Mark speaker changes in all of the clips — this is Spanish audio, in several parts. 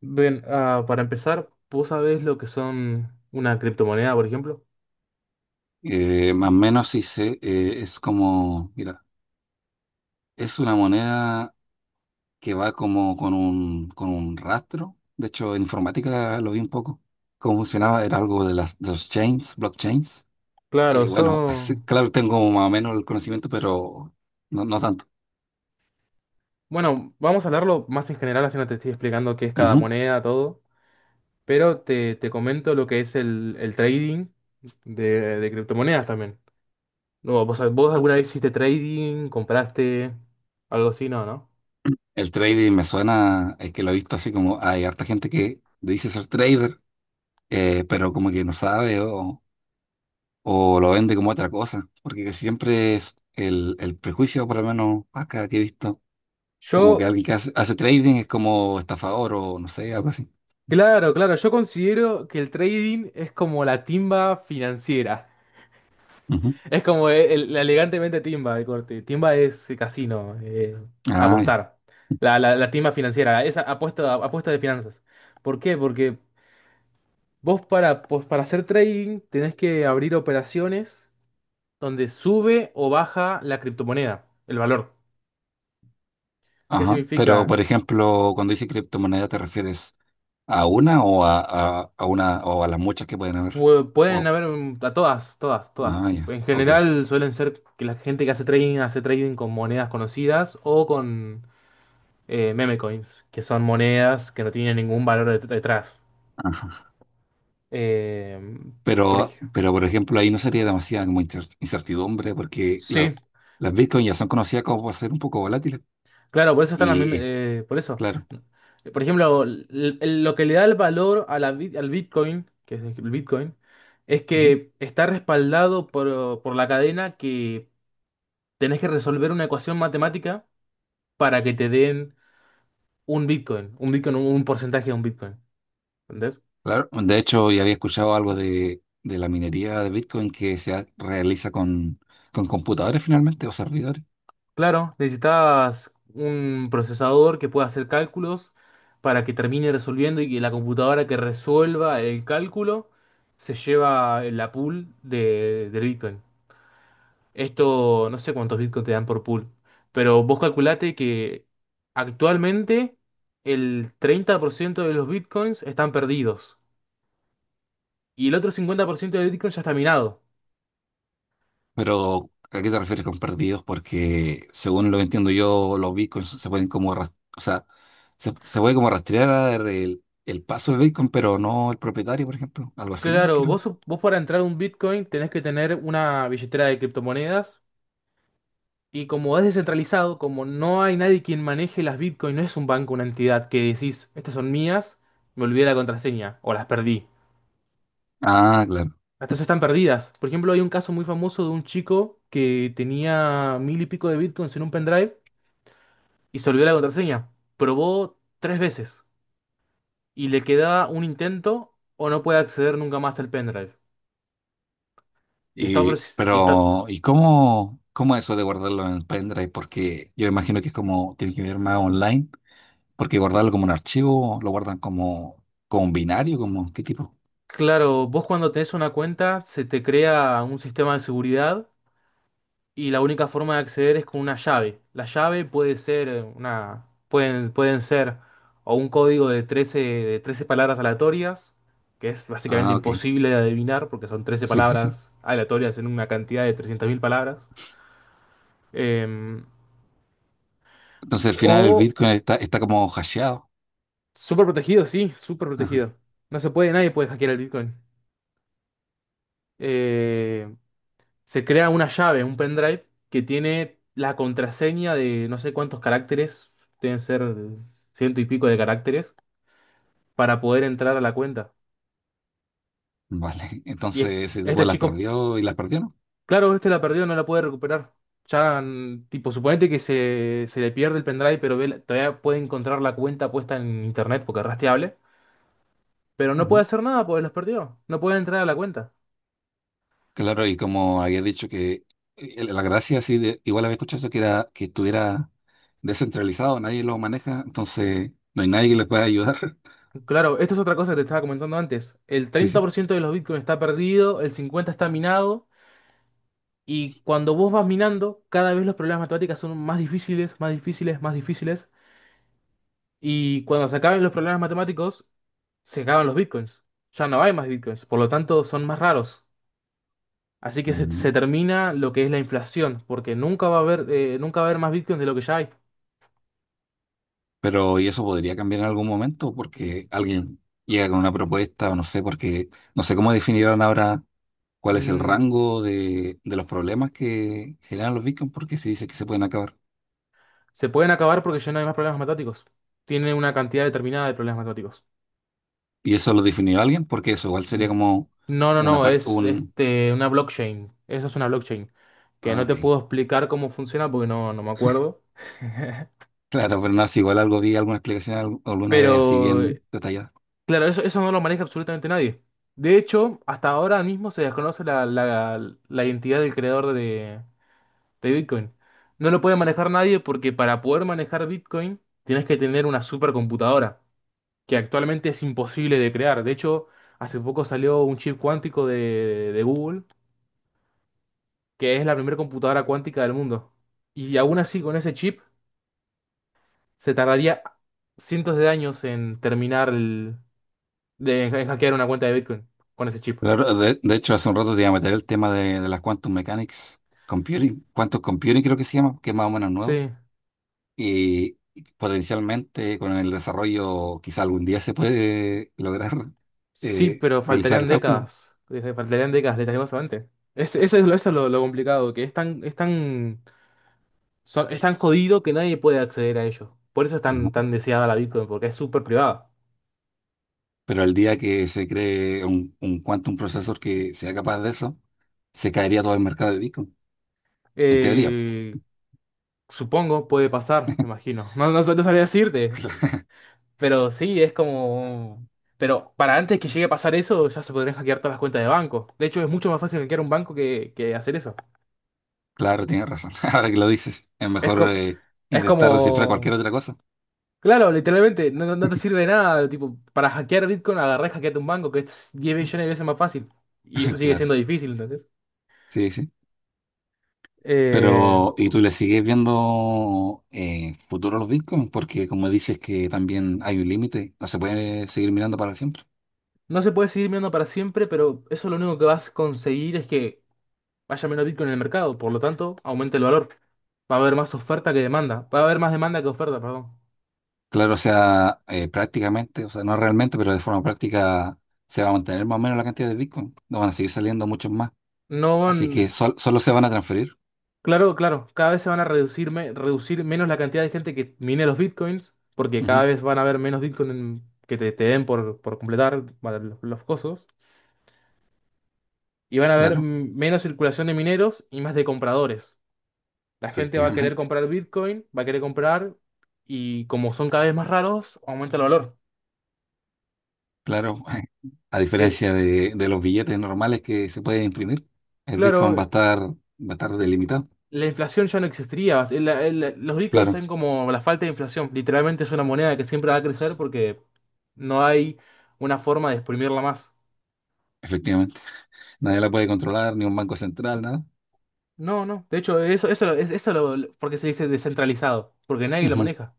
Speaker 1: Bien, para empezar, ¿vos sabés lo que son una criptomoneda, por ejemplo?
Speaker 2: Más o menos sí sé, es como, mira, es una moneda que va como con un rastro. De hecho, en informática lo vi un poco. Cómo funcionaba, era algo de las de los chains, blockchains.
Speaker 1: Claro,
Speaker 2: Bueno, sí,
Speaker 1: son...
Speaker 2: claro, tengo más o menos el conocimiento, pero no tanto.
Speaker 1: Bueno, vamos a hablarlo más en general, así no te estoy explicando qué es cada
Speaker 2: Ujú.
Speaker 1: moneda, todo, pero te comento lo que es el trading de, de criptomonedas también. No, ¿vos alguna vez hiciste trading, compraste algo así? No, ¿no?
Speaker 2: El trading me suena, es que lo he visto así como hay harta gente que dice ser trader, pero como que no sabe o lo vende como otra cosa, porque siempre es el prejuicio, por lo menos acá que he visto, como que
Speaker 1: Yo,
Speaker 2: alguien que hace trading es como estafador o no sé, algo así.
Speaker 1: claro, claro, yo considero que el trading es como la timba financiera.
Speaker 2: Ujú.
Speaker 1: Es como la elegantemente timba de corte. Timba es casino,
Speaker 2: Ah, ya.
Speaker 1: apostar. La timba financiera, esa apuesta, apuesta de finanzas. ¿Por qué? Porque vos pues para hacer trading tenés que abrir operaciones donde sube o baja la criptomoneda, el valor. ¿Qué
Speaker 2: Ajá. Pero,
Speaker 1: significa?
Speaker 2: por ejemplo, cuando dice criptomoneda, ¿te refieres a una o a las muchas que pueden haber?
Speaker 1: Pueden
Speaker 2: Wow.
Speaker 1: haber a todas, todas, todas.
Speaker 2: Ah, ya.
Speaker 1: En
Speaker 2: Ok.
Speaker 1: general suelen ser que la gente que hace trading con monedas conocidas o con meme coins, que son monedas que no tienen ningún valor detrás.
Speaker 2: Ajá.
Speaker 1: Eh, por
Speaker 2: Pero,
Speaker 1: ejemplo,
Speaker 2: pero, por ejemplo, ahí no sería demasiada como incertidumbre, porque
Speaker 1: sí,
Speaker 2: las Bitcoin ya son conocidas como por ser un poco volátiles.
Speaker 1: claro, por eso están las
Speaker 2: Y, es-
Speaker 1: por eso.
Speaker 2: claro.
Speaker 1: Por ejemplo, lo que le da el valor a la al Bitcoin, que es el Bitcoin, es que está respaldado por la cadena que tenés que resolver una ecuación matemática para que te den un porcentaje de un Bitcoin.
Speaker 2: Claro, de hecho, ya había escuchado algo de la minería de Bitcoin que realiza con computadores finalmente o servidores.
Speaker 1: Claro, necesitabas un procesador que pueda hacer cálculos para que termine resolviendo y que la computadora que resuelva el cálculo se lleva la pool del Bitcoin. Esto, no sé cuántos Bitcoin te dan por pool, pero vos calculate que actualmente el 30% de los Bitcoins están perdidos y el otro 50% de Bitcoin ya está minado.
Speaker 2: Pero, ¿a qué te refieres con perdidos? Porque, según lo que entiendo yo, los Bitcoins se pueden como, o sea, se, se puede como rastrear el paso del Bitcoin, pero no el propietario, por ejemplo. Algo así,
Speaker 1: Claro,
Speaker 2: creo.
Speaker 1: vos para entrar a un Bitcoin tenés que tener una billetera de criptomonedas. Y como es descentralizado, como no hay nadie quien maneje las Bitcoin, no es un banco, una entidad que decís, estas son mías, me olvidé la contraseña o las perdí.
Speaker 2: Ah, claro.
Speaker 1: Estas están perdidas. Por ejemplo, hay un caso muy famoso de un chico que tenía mil y pico de Bitcoins en un pendrive y se olvidó la contraseña. Probó tres veces y le queda un intento o no puede acceder nunca más al pendrive. Y está, ofreci- y está...
Speaker 2: ¿Y cómo, cómo eso de guardarlo en pendrive? Porque yo imagino que es como, tiene que ver más online. Porque guardarlo como un archivo, lo guardan como, como un binario, como qué tipo.
Speaker 1: Claro, vos cuando tenés una cuenta se te crea un sistema de seguridad y la única forma de acceder es con una llave. La llave puede ser pueden ser o un código de trece palabras aleatorias, que es básicamente
Speaker 2: Ah, ok.
Speaker 1: imposible de adivinar porque son 13
Speaker 2: Sí, sí, sí.
Speaker 1: palabras aleatorias en una cantidad de 300.000 palabras. Em,
Speaker 2: Entonces al final el
Speaker 1: o
Speaker 2: Bitcoin está, está como hasheado.
Speaker 1: súper protegido, sí, súper
Speaker 2: Ajá.
Speaker 1: protegido. No se puede, nadie puede hackear el Bitcoin. Eh, se crea una llave, un pendrive, que tiene la contraseña de no sé cuántos caracteres, deben ser ciento y pico de caracteres, para poder entrar a la cuenta.
Speaker 2: Vale.
Speaker 1: Y
Speaker 2: Entonces
Speaker 1: es-
Speaker 2: ese tipo
Speaker 1: este
Speaker 2: las
Speaker 1: chico,
Speaker 2: perdió y las perdió, ¿no?
Speaker 1: claro, este la perdió, no la puede recuperar. Ya, tipo, suponete que se le pierde el pendrive, pero todavía puede encontrar la cuenta puesta en internet porque es rastreable, pero no puede
Speaker 2: Ujú.
Speaker 1: hacer nada porque los perdió, no puede entrar a la cuenta.
Speaker 2: Claro, y como había dicho que la gracia sí, de, igual había escuchado eso que era que estuviera descentralizado, nadie lo maneja, entonces no hay nadie que les pueda ayudar.
Speaker 1: Claro, esto es otra cosa que te estaba comentando antes. El
Speaker 2: Sí,
Speaker 1: treinta
Speaker 2: sí.
Speaker 1: por ciento de los bitcoins está perdido, el 50% está minado. Y cuando vos vas minando, cada vez los problemas matemáticos son más difíciles, más difíciles, más difíciles. Y cuando se acaben los problemas matemáticos, se acaban los bitcoins. Ya no hay más bitcoins, por lo tanto son más raros. Así que se
Speaker 2: Ujú.
Speaker 1: termina lo que es la inflación, porque nunca va a haber, nunca va a haber más bitcoins de lo que ya hay.
Speaker 2: Pero, ¿y eso podría cambiar en algún momento?
Speaker 1: Mm,
Speaker 2: Porque alguien llega con una propuesta, o no sé, porque no sé cómo definirán ahora cuál es el
Speaker 1: mm,
Speaker 2: rango de los problemas que generan los bitcoins, porque se dice que se pueden acabar.
Speaker 1: se pueden acabar porque ya no hay más problemas matemáticos. Tienen una cantidad determinada de problemas matemáticos.
Speaker 2: ¿Y eso lo definió alguien? Porque eso igual sería como
Speaker 1: No, no,
Speaker 2: una
Speaker 1: no,
Speaker 2: parte,
Speaker 1: es
Speaker 2: un...
Speaker 1: este, una blockchain. Eso es una blockchain. Que
Speaker 2: Ah,
Speaker 1: no
Speaker 2: ok.
Speaker 1: te puedo explicar cómo funciona porque no me acuerdo.
Speaker 2: Claro, pero no, si igual algo vi, alguna explicación alguna vez así
Speaker 1: Pero,
Speaker 2: bien detallada.
Speaker 1: claro, eso no lo maneja absolutamente nadie. De hecho, hasta ahora mismo se desconoce la identidad del creador de Bitcoin. No lo puede manejar nadie porque para poder manejar Bitcoin tienes que tener una supercomputadora, que actualmente es imposible de crear. De hecho, hace poco salió un chip cuántico de Google que es la primera computadora cuántica del mundo. Y aún así, con ese chip, se tardaría cientos de años en terminar en hackear una cuenta de Bitcoin con ese chip.
Speaker 2: Claro, de hecho, hace un rato te iba a meter el tema de las quantum mechanics, computing, quantum computing creo que se llama, que es más o menos nuevo.
Speaker 1: Sí,
Speaker 2: Y potencialmente con el desarrollo quizá algún día se puede lograr
Speaker 1: sí, pero
Speaker 2: realizar el
Speaker 1: faltarían
Speaker 2: cálculo.
Speaker 1: décadas. Faltarían décadas, lastimosamente. Es, eso es, lo, eso es lo complicado, que es tan jodido que nadie puede acceder a ello. Por eso es
Speaker 2: Ujú.
Speaker 1: tan, tan deseada la Bitcoin, porque es súper privada.
Speaker 2: Pero el día que se cree un quantum processor que sea capaz de eso, se caería todo el mercado de Bitcoin, en teoría.
Speaker 1: Eh, supongo, puede pasar, me imagino. No, no, no sabría decirte. Pero sí. Pero para antes que llegue a pasar eso, ya se podrían hackear todas las cuentas de banco. De hecho, es mucho más fácil hackear un banco que hacer eso.
Speaker 2: Claro, tienes razón. Ahora que lo dices, es
Speaker 1: Es
Speaker 2: mejor
Speaker 1: como... Es
Speaker 2: intentar descifrar cualquier
Speaker 1: como...
Speaker 2: otra cosa.
Speaker 1: Claro, literalmente, no te sirve de nada. Tipo, para hackear Bitcoin, agarré y hackeate un banco, que es 10 millones de veces más fácil. Y eso sigue
Speaker 2: Claro,
Speaker 1: siendo difícil, ¿entendés?
Speaker 2: sí, sí.
Speaker 1: Eh,
Speaker 2: Pero, ¿y tú le sigues viendo futuro a los bitcoins? Porque como dices que también hay un límite, no se puede seguir mirando para siempre.
Speaker 1: no se puede seguir mirando para siempre, pero eso lo único que vas a conseguir es que haya menos Bitcoin en el mercado. Por lo tanto, aumente el valor. Va a haber más oferta que demanda. Va a haber más demanda que oferta, perdón.
Speaker 2: Claro, o sea, prácticamente, o sea, no realmente, pero de forma práctica se va a mantener más o menos la cantidad de bitcoin. No van a seguir saliendo muchos más.
Speaker 1: No van,
Speaker 2: Así que solo se van a transferir.
Speaker 1: claro, claro, cada vez se van a reducir, reducir menos la cantidad de gente que mine los bitcoins, porque cada
Speaker 2: Ujú,
Speaker 1: vez van a haber menos bitcoins que te den por completar para los cosos, y van a haber
Speaker 2: claro,
Speaker 1: menos circulación de mineros y más de compradores. La gente va a querer
Speaker 2: efectivamente.
Speaker 1: comprar bitcoin, va a querer comprar, y como son cada vez más raros, aumenta el valor.
Speaker 2: Claro, a
Speaker 1: Eh,
Speaker 2: diferencia de los billetes normales que se pueden imprimir, el
Speaker 1: claro,
Speaker 2: bitcoin va a estar delimitado.
Speaker 1: La inflación ya no existiría. Los bitcoins
Speaker 2: Claro,
Speaker 1: son como la falta de inflación. Literalmente es una moneda que siempre va a crecer porque no hay una forma de exprimirla más.
Speaker 2: efectivamente. Nadie la puede controlar, ni un banco central, nada.
Speaker 1: No, no. De hecho, eso, lo- es- eso lo- porque se dice descentralizado. Porque nadie lo
Speaker 2: Ujú,
Speaker 1: maneja.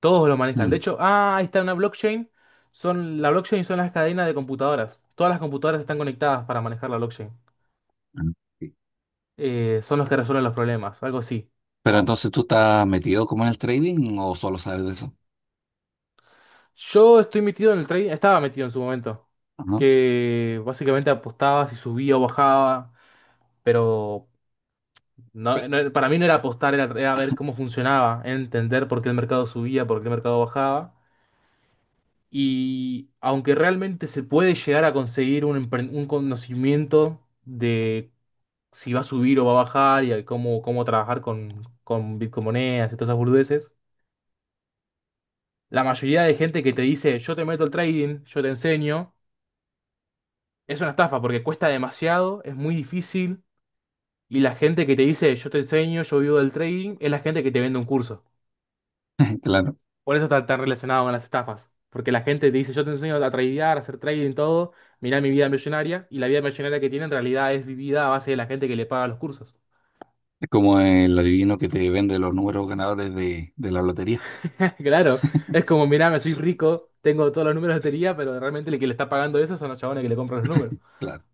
Speaker 1: Todos lo manejan. De
Speaker 2: mm,
Speaker 1: hecho, ahí está una blockchain. La blockchain son las cadenas de computadoras. Todas las computadoras están conectadas para manejar la blockchain.
Speaker 2: mm. Sí.
Speaker 1: Son los que resuelven los problemas. Algo así.
Speaker 2: Pero
Speaker 1: Wow.
Speaker 2: entonces tú estás metido como en el trading o solo sabes de eso.
Speaker 1: Yo estoy metido en el trading, estaba metido en su momento,
Speaker 2: Ajá.
Speaker 1: que básicamente apostaba si subía o bajaba, pero
Speaker 2: Pe-
Speaker 1: para mí no era apostar, era ver cómo funcionaba, entender por qué el mercado subía, por qué el mercado bajaba. Y aunque realmente se puede llegar a conseguir un conocimiento de si va a subir o va a bajar y a cómo trabajar con bitcoin monedas y todas esas burdeces, la mayoría de gente que te dice, yo te meto el trading, yo te enseño. Es una estafa porque cuesta demasiado, es muy difícil y la gente que te dice yo te enseño, yo vivo del trading, es la gente que te vende un curso.
Speaker 2: Claro,
Speaker 1: Por eso está tan relacionado con las estafas. Porque la gente te dice yo te enseño a tradear, a hacer trading, todo, mirá mi vida millonaria y la vida millonaria que tiene en realidad es vivida a base de la gente que le paga los cursos.
Speaker 2: es como el adivino que te vende los números ganadores de la lotería.
Speaker 1: Claro, es como mirá, me soy rico, tengo todos los números de lotería, pero realmente el que le está pagando eso son los chabones que le compran los números.
Speaker 2: Claro.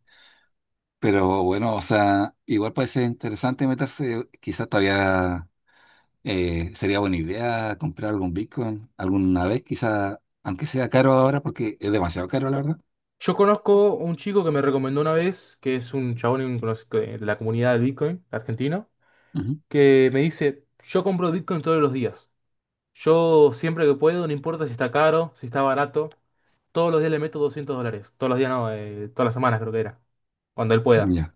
Speaker 2: Pero bueno, o sea, igual puede ser interesante meterse, quizás todavía sería buena idea comprar algún Bitcoin alguna vez, quizás, aunque sea caro ahora, porque es demasiado caro, la verdad.
Speaker 1: Yo conozco un chico que me recomendó una vez, que es un chabón de la comunidad de Bitcoin argentino
Speaker 2: Ujú.
Speaker 1: que me dice, yo compro Bitcoin todos los días. Yo siempre que puedo, no importa si está caro, si está barato, todos los días le meto $200. Todos los días no, todas las semanas creo que era, cuando él pueda.
Speaker 2: Ya.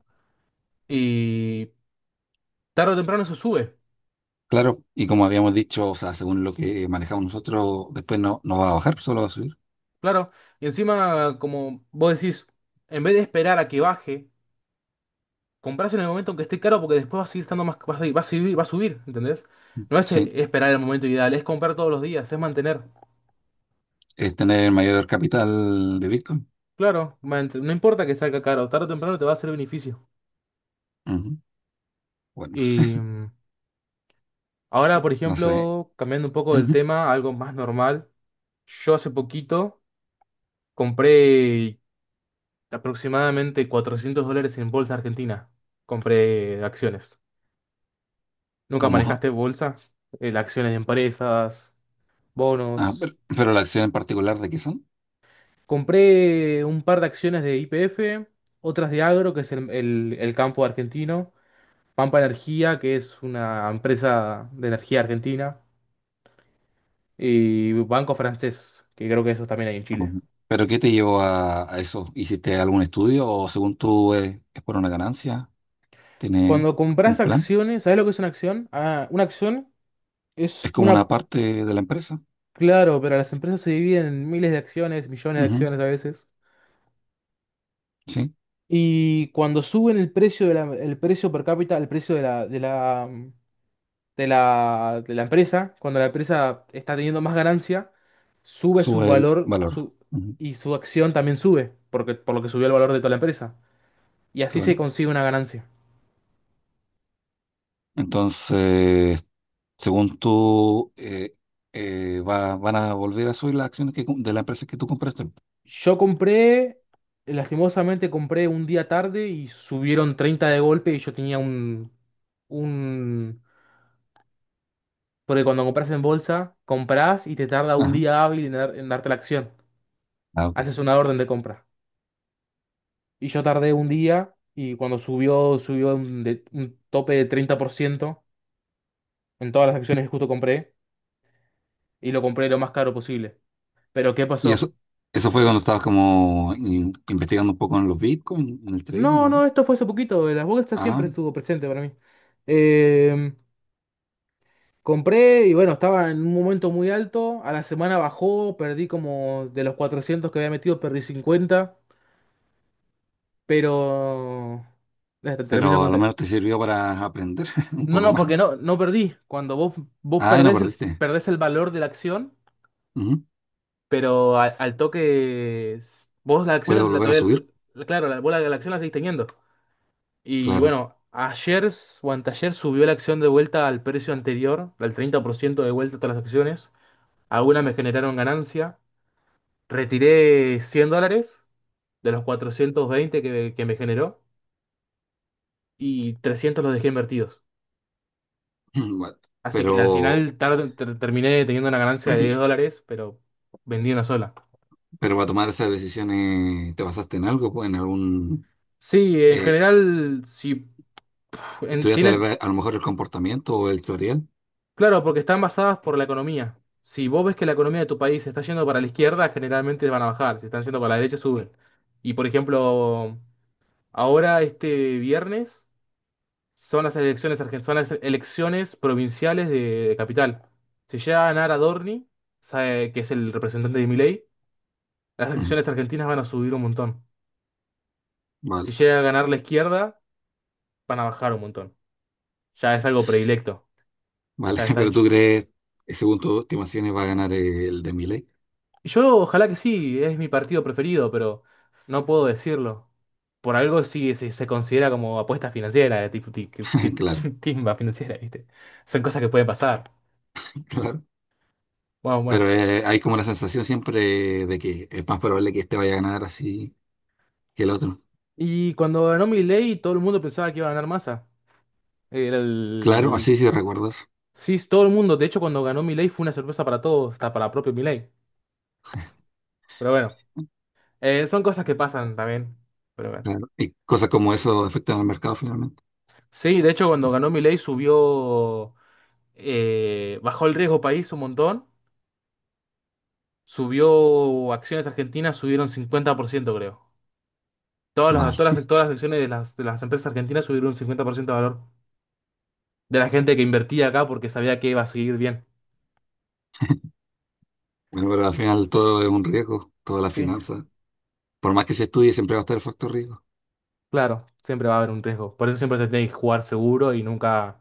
Speaker 1: Y tarde o temprano eso sube,
Speaker 2: Claro, y como habíamos dicho, o sea, según lo que manejamos nosotros, después no, no va a bajar, solo va a subir.
Speaker 1: claro. Y encima, como vos decís, en vez de esperar a que baje, comprás en el momento en que esté caro porque después va a seguir estando más, va a subir, ¿entendés? No es
Speaker 2: Sí,
Speaker 1: esperar el momento ideal, es comprar todos los días, es mantener.
Speaker 2: es tener el mayor capital de Bitcoin.
Speaker 1: Claro, no importa que salga caro, tarde o temprano te va a hacer beneficio.
Speaker 2: Ujú. Bueno,
Speaker 1: Y ahora, por
Speaker 2: no sé.
Speaker 1: ejemplo, cambiando un poco del
Speaker 2: Ujú.
Speaker 1: tema, algo más normal. Yo hace poquito compré aproximadamente $400 en bolsa argentina. Compré acciones. ¿Nunca
Speaker 2: ¿Cómo? Ja-
Speaker 1: manejaste bolsa? Acciones de empresas,
Speaker 2: ah,
Speaker 1: bonos.
Speaker 2: pero la acción en particular, ¿de qué son?
Speaker 1: Compré un par de acciones de YPF, otras de Agro, que es el campo argentino. Pampa Energía, que es una empresa de energía argentina. Y Banco Francés, que creo que eso también hay en Chile.
Speaker 2: Ujú. ¿Pero qué te llevó a eso? ¿Hiciste algún estudio o según tú es por una ganancia? ¿Tiene
Speaker 1: Cuando compras
Speaker 2: un plan?
Speaker 1: acciones, ¿sabes lo que es una acción? Ah, una acción
Speaker 2: Es
Speaker 1: es
Speaker 2: como
Speaker 1: una.
Speaker 2: una parte de la empresa.
Speaker 1: Claro, pero las empresas se dividen en miles de acciones, millones de
Speaker 2: Ujú.
Speaker 1: acciones a veces.
Speaker 2: Sí,
Speaker 1: Y cuando suben el precio de el precio per cápita, el precio de la empresa, cuando la empresa está teniendo más ganancia, sube su
Speaker 2: sube el
Speaker 1: valor
Speaker 2: valor.
Speaker 1: su,
Speaker 2: Ujú.
Speaker 1: y su acción también sube, porque, por lo que subió el valor de toda la empresa. Y así se
Speaker 2: Claro.
Speaker 1: consigue una ganancia.
Speaker 2: Entonces... Según tú, va- van a volver a subir las acciones que, com- de la empresa que tú compraste.
Speaker 1: Yo compré, Lastimosamente compré un día tarde y subieron 30 de golpe y yo tenía un... Porque cuando compras en bolsa, compras y te tarda un
Speaker 2: Ajá.
Speaker 1: día hábil en darte la acción.
Speaker 2: Ah, ok.
Speaker 1: Haces una orden de compra. Y yo tardé un día y cuando subió un tope de 30% en todas las acciones que justo compré y lo compré lo más caro posible. Pero ¿qué
Speaker 2: Y
Speaker 1: pasó?
Speaker 2: eso fue cuando estabas como investigando un poco en los Bitcoin, en el trading,
Speaker 1: No,
Speaker 2: ¿o
Speaker 1: no,
Speaker 2: no?
Speaker 1: esto fue hace poquito. Las bolsas
Speaker 2: Ah,
Speaker 1: siempre estuvo presente para mí. Em, Compré y bueno, estaba en un momento muy alto. A la semana bajó, perdí como de los 400 que había metido, perdí cincuenta. Pero. Ya te termino de
Speaker 2: pero a lo menos te
Speaker 1: contar.
Speaker 2: sirvió para aprender un
Speaker 1: No,
Speaker 2: poco
Speaker 1: no,
Speaker 2: más.
Speaker 1: porque no, no perdí. Vos
Speaker 2: Ah, y no perdiste.
Speaker 1: perdés el valor de la acción,
Speaker 2: Ujú.
Speaker 1: pero al toque. Vos la
Speaker 2: Puede
Speaker 1: acción, la,
Speaker 2: volver a
Speaker 1: todavía- la-
Speaker 2: subir,
Speaker 1: la- claro, la acción la seguís teniendo. Y
Speaker 2: claro.
Speaker 1: bueno, ayer s- o anteayer subió la acción de vuelta al precio anterior, al 30% de vuelta a todas las acciones. Algunas me generaron ganancia. Retiré 100 dólares de los 420 que me generó y 300 los dejé invertidos.
Speaker 2: Bueno,
Speaker 1: Así que al
Speaker 2: pero,
Speaker 1: final terminé teniendo una ganancia de 10 dólares, pero vendí una sola.
Speaker 2: pero para tomar esas decisiones, ¿te basaste en algo? Pues, ¿en algún,
Speaker 1: Sí, en
Speaker 2: eh,
Speaker 1: general, si en-
Speaker 2: estudiaste
Speaker 1: tienen,
Speaker 2: a lo mejor el comportamiento o el tutorial?
Speaker 1: claro, porque están basadas por la economía. Si vos ves que la economía de tu país está yendo para la izquierda, generalmente van a bajar. Si están yendo para la derecha, suben. Y por ejemplo, ahora este viernes. Son las son las elecciones provinciales de Capital. Si llega a ganar Adorni, sabe que es el representante de Milei, las
Speaker 2: Ujú.
Speaker 1: elecciones argentinas van a subir un montón. Si
Speaker 2: Vale.
Speaker 1: llega a ganar la izquierda, van a bajar un montón. Ya es algo predilecto,
Speaker 2: Vale,
Speaker 1: ya está
Speaker 2: pero
Speaker 1: hecho.
Speaker 2: tú crees, según tus estimaciones, va a ganar el de Milei.
Speaker 1: Y yo ojalá que sí, es mi partido preferido, pero no puedo decirlo. Por algo sí se considera como apuesta financiera, tipo
Speaker 2: Claro,
Speaker 1: timba financiera, ¿viste? Son cosas que pueden pasar.
Speaker 2: claro.
Speaker 1: Bueno,
Speaker 2: Pero
Speaker 1: bueno.
Speaker 2: hay como la sensación siempre de que es más probable que este vaya a ganar así que el otro.
Speaker 1: Y cuando ganó Milei, todo el mundo pensaba que iba a ganar Massa. Era
Speaker 2: Claro,
Speaker 1: el...
Speaker 2: así sí recuerdas.
Speaker 1: Sí, todo el mundo. De hecho, cuando ganó Milei fue una sorpresa para todos, hasta para propio Milei. Pero bueno, son cosas que pasan también. Pero bueno.
Speaker 2: Claro. Y cosas como eso afectan al mercado finalmente.
Speaker 1: Sí, de hecho, cuando ganó Milei bajó el riesgo país un montón. Subió acciones argentinas, subieron 50%, creo.
Speaker 2: Vale.
Speaker 1: Todas las acciones de las empresas argentinas subieron un 50% de valor. De la gente que invertía acá porque sabía que iba a seguir bien.
Speaker 2: Bueno, pero al final todo es un riesgo, toda la
Speaker 1: Sí.
Speaker 2: finanza. Por más que se estudie, siempre va a estar el factor riesgo.
Speaker 1: Claro, siempre va a haber un riesgo. Por eso siempre se tiene que jugar seguro y nunca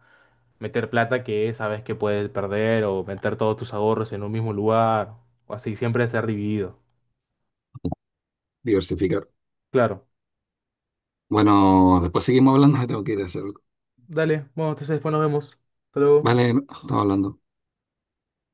Speaker 1: meter plata que sabes que puedes perder o meter todos tus ahorros en un mismo lugar. O así, siempre estar dividido.
Speaker 2: Diversificar.
Speaker 1: Claro.
Speaker 2: Bueno, después seguimos hablando, tengo que ir a hacer algo.
Speaker 1: Dale, bueno, entonces después nos vemos. Hasta luego.
Speaker 2: Vale, estamos hablando.